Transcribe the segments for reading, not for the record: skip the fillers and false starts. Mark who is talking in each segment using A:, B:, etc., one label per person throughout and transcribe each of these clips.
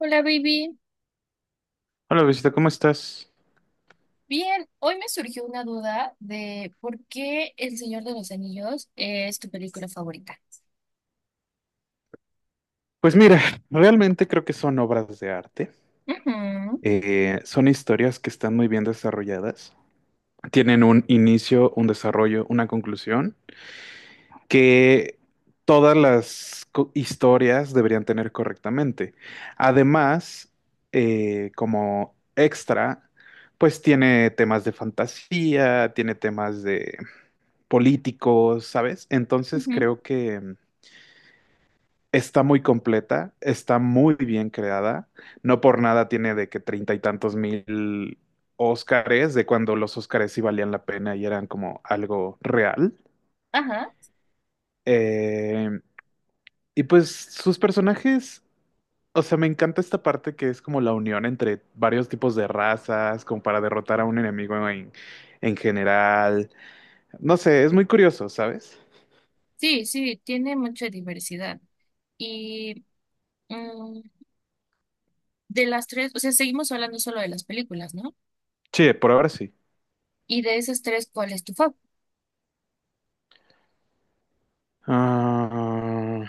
A: Hola, baby.
B: Hola, Luisito, ¿cómo estás?
A: Bien, hoy me surgió una duda de por qué El Señor de los Anillos es tu película favorita.
B: Pues mira, realmente creo que son obras de arte.
A: Ujú,
B: Son historias que están muy bien desarrolladas. Tienen un inicio, un desarrollo, una conclusión que todas las historias deberían tener correctamente. Además, como extra, pues tiene temas de fantasía, tiene temas de políticos, ¿sabes? Entonces
A: ujú.
B: creo que está muy completa, está muy bien creada. No por nada tiene de que treinta y tantos mil Óscares, de cuando los Óscares sí valían la pena y eran como algo real.
A: Ajá.
B: Eh, y pues sus personajes, o sea, me encanta esta parte que es como la unión entre varios tipos de razas, como para derrotar a un enemigo en general. No sé, es muy curioso, ¿sabes?
A: Sí, sí, tiene mucha diversidad. Y mm, de las tres, o sea, seguimos hablando solo de las películas, ¿no?
B: Sí, por ahora sí.
A: Y de esas tres, ¿cuál es tu fav?
B: Ah,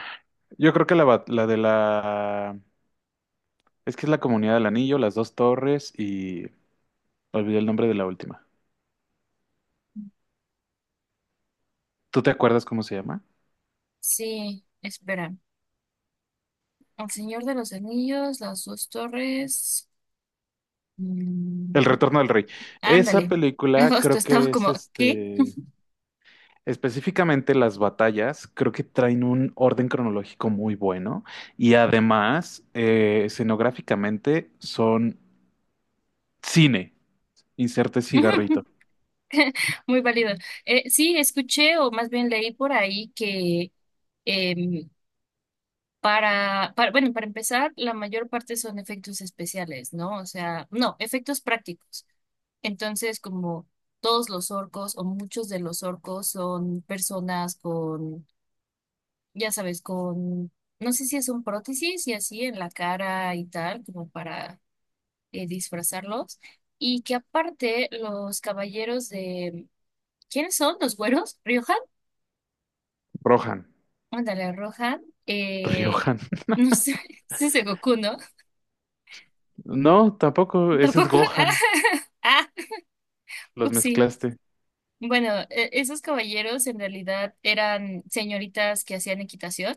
B: yo creo que la de la. Es que es la Comunidad del Anillo, Las Dos Torres y olvidé el nombre de la última. ¿Tú te acuerdas cómo se llama?
A: Sí, espera. El Señor de los Anillos, Las Dos Torres.
B: El
A: mm,
B: Retorno del Rey. Esa
A: ándale.
B: película
A: Justo
B: creo
A: estaba
B: que es
A: como, ¿qué?
B: específicamente las batallas, creo que traen un orden cronológico muy bueno y además escenográficamente son cine. Inserte cigarrito.
A: Muy válido. Sí, escuché o más bien leí por ahí que em, bueno, para empezar, la mayor parte son efectos especiales, ¿no? O sea, no, efectos prácticos. Entonces, como todos los orcos o muchos de los orcos son personas con, ya sabes, con, no sé si es un prótesis y así en la cara y tal, como para disfrazarlos. Y que aparte los caballeros de, ¿quiénes son? ¿Los güeros? ¿Rioja?
B: Rohan.
A: Ándale, roja. Eh,
B: Riohan.
A: no sé, ese es Goku, ¿no?
B: No, tampoco, ese es
A: Tampoco.
B: Gohan.
A: Ah, ah,
B: Los
A: upsí.
B: mezclaste.
A: Bueno, esos caballeros en realidad eran señoritas que hacían equitación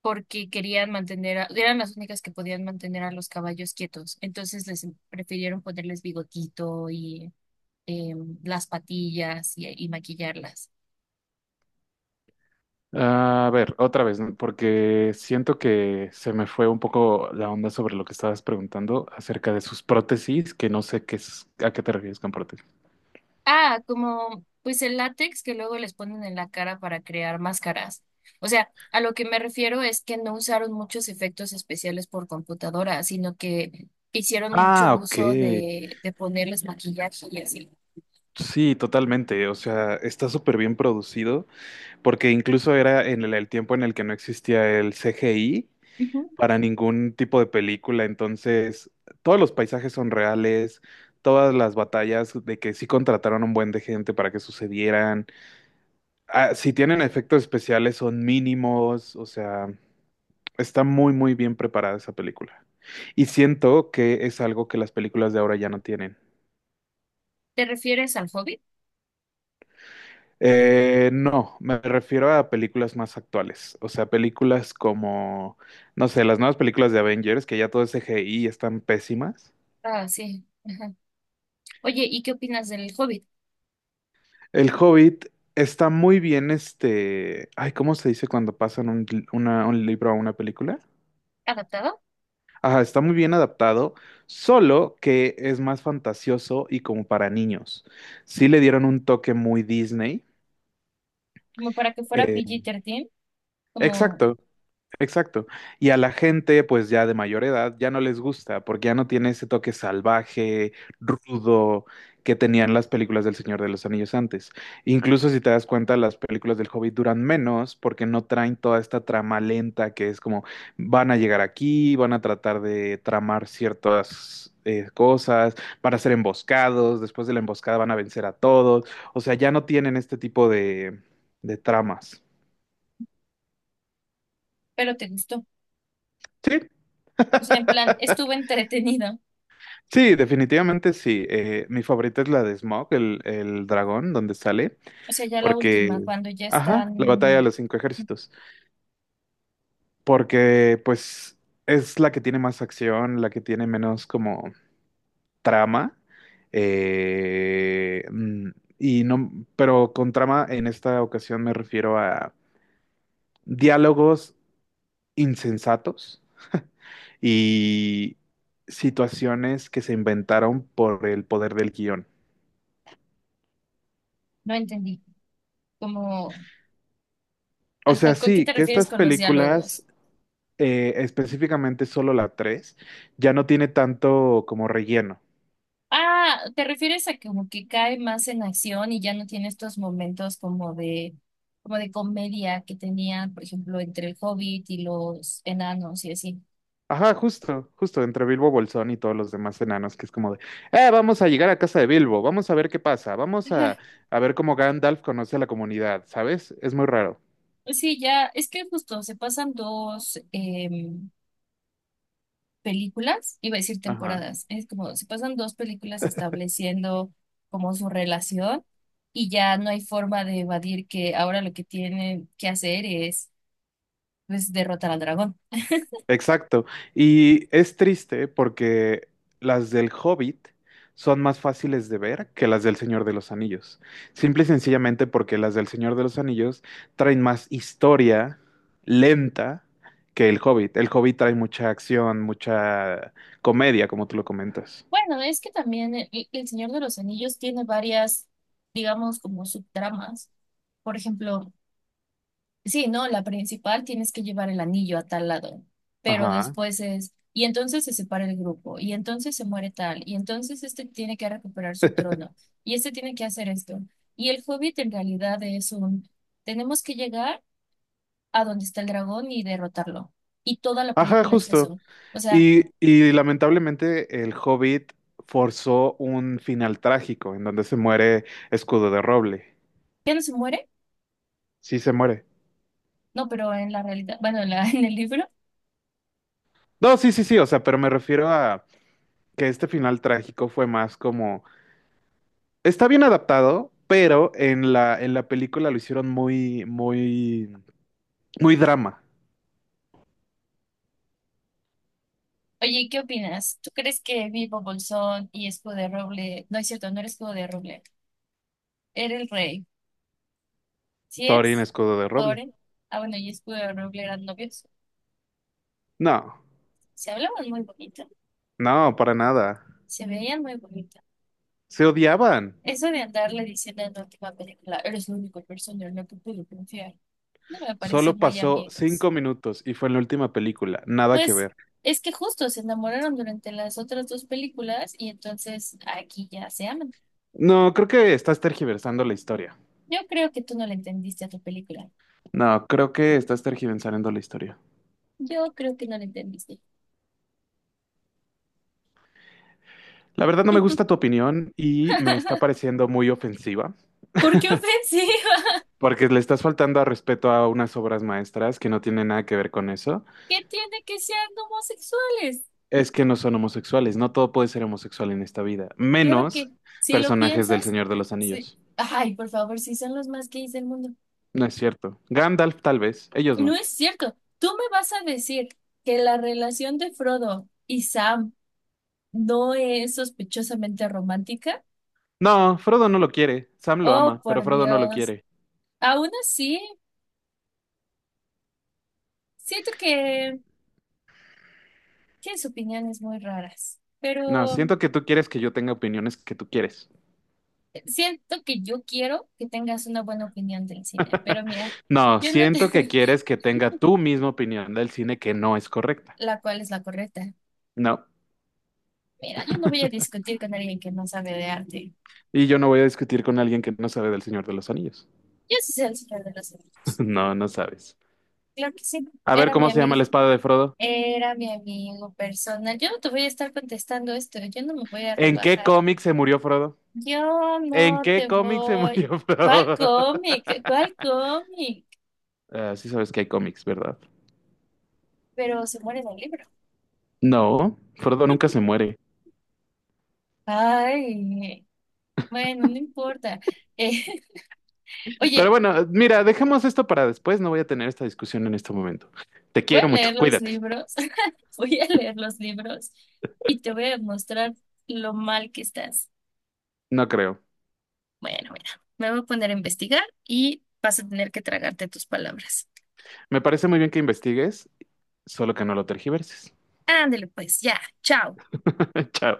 A: porque querían mantener, eran las únicas que podían mantener a los caballos quietos. Entonces les prefirieron ponerles bigotito y las patillas y maquillarlas.
B: A ver, otra vez, porque siento que se me fue un poco la onda sobre lo que estabas preguntando acerca de sus prótesis, que no sé qué es, a qué te refieres con prótesis.
A: Ah, como pues el látex que luego les ponen en la cara para crear máscaras. O sea, a lo que me refiero es que no usaron muchos efectos especiales por computadora, sino que hicieron mucho
B: Ah, ok.
A: uso de ponerles maquillaje y así.
B: Sí, totalmente. O sea, está súper bien producido, porque incluso era en el tiempo en el que no existía el CGI
A: Ujú.
B: para ningún tipo de película. Entonces, todos los paisajes son reales, todas las batallas de que sí contrataron un buen de gente para que sucedieran. Ah, si tienen efectos especiales son mínimos, o sea, está muy bien preparada esa película. Y siento que es algo que las películas de ahora ya no tienen.
A: ¿Te refieres al Hobbit?
B: No, me refiero a películas más actuales, o sea, películas como, no sé, las nuevas películas de Avengers, que ya todo es CGI y están pésimas.
A: Ah, sí. Ajá. Oye, ¿y qué opinas del Hobbit?
B: El Hobbit está muy bien, ay, ¿cómo se dice cuando pasan un libro a una película?
A: ¿Adaptado?
B: Ajá, está muy bien adaptado, solo que es más fantasioso y como para niños. Sí le dieron un toque muy Disney.
A: Como para que fuera
B: Eh,
A: PG-13, como,
B: exacto. Exacto. Y a la gente, pues ya de mayor edad, ya no les gusta, porque ya no tiene ese toque salvaje, rudo, que tenían las películas del Señor de los Anillos antes. Incluso si te das cuenta, las películas del Hobbit duran menos porque no traen toda esta trama lenta que es como van a llegar aquí, van a tratar de tramar ciertas cosas, van a ser emboscados, después de la emboscada van a vencer a todos. O sea, ya no tienen este tipo de tramas.
A: pero te gustó.
B: Sí,
A: O sea, en plan, estuvo entretenido.
B: sí, definitivamente sí. Mi favorita es la de Smaug, el dragón, donde sale,
A: O sea, ya la última,
B: porque,
A: cuando ya
B: ajá, la batalla de
A: están,
B: los cinco ejércitos, porque pues es la que tiene más acción, la que tiene menos como trama, eh, mm, y no, pero con trama en esta ocasión me refiero a diálogos insensatos y situaciones que se inventaron por el poder del guión.
A: no entendí. Como,
B: O sea,
A: ajá, ¿con qué
B: sí,
A: te
B: que
A: refieres
B: estas
A: con los
B: películas,
A: diálogos?
B: específicamente solo la 3 ya no tiene tanto como relleno.
A: Ah, ¿te refieres a como que cae más en acción y ya no tiene estos momentos como de comedia que tenía, por ejemplo, entre el Hobbit y los enanos y así?
B: Ajá, justo, justo, entre Bilbo Bolsón y todos los demás enanos, que es como de, vamos a llegar a casa de Bilbo, vamos a ver qué pasa, vamos
A: Ajá.
B: a ver cómo Gandalf conoce a la comunidad, ¿sabes? Es muy raro.
A: Sí, ya, es que justo se pasan dos películas, iba a decir
B: Ajá.
A: temporadas, es como se pasan dos películas estableciendo como su relación y ya no hay forma de evadir que ahora lo que tienen que hacer es pues derrotar al dragón.
B: Exacto. Y es triste porque las del Hobbit son más fáciles de ver que las del Señor de los Anillos. Simple y sencillamente porque las del Señor de los Anillos traen más historia lenta que el Hobbit. El Hobbit trae mucha acción, mucha comedia, como tú lo comentas.
A: Bueno, es que también el Señor de los Anillos tiene varias, digamos, como subtramas. Por ejemplo, sí, ¿no? La principal tienes que llevar el anillo a tal lado, pero
B: Ajá.
A: después es, y entonces se separa el grupo, y entonces se muere tal, y entonces este tiene que recuperar su trono, y este tiene que hacer esto. Y el Hobbit en realidad es un, tenemos que llegar a donde está el dragón y derrotarlo. Y toda la
B: Ajá,
A: película es
B: justo.
A: eso. O sea,
B: Y lamentablemente el Hobbit forzó un final trágico en donde se muere Escudo de Roble.
A: ya no se muere.
B: Sí se muere.
A: No, pero en la realidad, bueno, en la, en el libro.
B: No, sí, sí, sí, o sea, pero me refiero a que este final trágico fue más como, está bien adaptado, pero en en la película lo hicieron muy drama.
A: Oye, ¿y ¿qué opinas? ¿Tú crees que Bilbo Bolsón y Escudo de Roble, no es cierto, no era Escudo de Roble, era el rey? ¿Sí
B: Thorin
A: es?
B: Escudo de Roble.
A: ¿Thorin? Ah, bueno, y Escudo de Roble eran novios.
B: No,
A: Se hablaban muy bonito,
B: no, para nada.
A: se veían muy bonito.
B: Se odiaban.
A: Eso de andarle diciendo en la última película, eres la única persona en la que puedo confiar, no me parece
B: Solo
A: muy
B: pasó
A: amigos.
B: cinco minutos y fue en la última película. Nada que
A: Pues
B: ver.
A: es que justo se enamoraron durante las otras dos películas y entonces aquí ya se aman.
B: No, creo que estás tergiversando la historia.
A: Yo creo que tú no le entendiste a tu película.
B: No, creo que estás tergiversando la historia.
A: Yo creo que no le entendiste.
B: La verdad no me gusta tu opinión y me está pareciendo muy ofensiva.
A: ¿Por qué ofensiva?
B: Porque le estás faltando a respeto a unas obras maestras que no tienen nada que ver con eso,
A: ¿Qué tiene que sean homosexuales?
B: es que no son homosexuales. No todo puede ser homosexual en esta vida,
A: Claro
B: menos
A: que si lo
B: personajes del
A: piensas,
B: Señor de los
A: sí.
B: Anillos.
A: Ay, por favor, si son los más gays del mundo.
B: No es cierto. Gandalf tal vez, ellos
A: No
B: no.
A: es cierto. Tú me vas a decir que la relación de Frodo y Sam no es sospechosamente romántica.
B: No, Frodo no lo quiere. Sam lo
A: Oh,
B: ama, pero
A: por
B: Frodo no lo
A: Dios.
B: quiere.
A: Aún así, siento que tienes opiniones muy raras,
B: No,
A: pero
B: siento que tú quieres que yo tenga opiniones que tú quieres.
A: siento que yo quiero que tengas una buena opinión del cine, pero mira,
B: No,
A: yo no te...
B: siento que quieres que tenga tu misma opinión del cine que no es correcta.
A: la cual es la correcta.
B: No.
A: Mira, yo no voy a discutir con alguien que no sabe de arte.
B: Y yo no voy a discutir con alguien que no sabe del Señor de los Anillos.
A: Yo sí sé el Señor de los Anillos.
B: No, no sabes.
A: Claro que sí,
B: A ver
A: era mi
B: cómo se llama
A: amigo,
B: la espada de Frodo.
A: era mi amigo personal. Yo no te voy a estar contestando esto, yo no me voy a
B: ¿En qué
A: rebajar.
B: cómic se murió Frodo?
A: Yo
B: ¿En
A: no
B: qué
A: te
B: cómic se
A: voy.
B: murió
A: ¿Cuál
B: Frodo?
A: cómic? ¿Cuál cómic?
B: Ah, sí sabes que hay cómics, ¿verdad?
A: Pero se muere en el libro.
B: No, Frodo nunca se muere.
A: Ay, bueno, no importa. Eh,
B: Pero
A: Oye,
B: bueno, mira, dejemos esto para después. No voy a tener esta discusión en este momento. Te
A: voy a
B: quiero mucho,
A: leer los
B: cuídate.
A: libros, voy a leer los libros y te voy a mostrar lo mal que estás.
B: No creo.
A: Bueno, mira, me voy a poner a investigar y vas a tener que tragarte tus palabras.
B: Me parece muy bien que investigues, solo que no lo tergiverses.
A: Ándale pues, ya, chao.
B: Chao.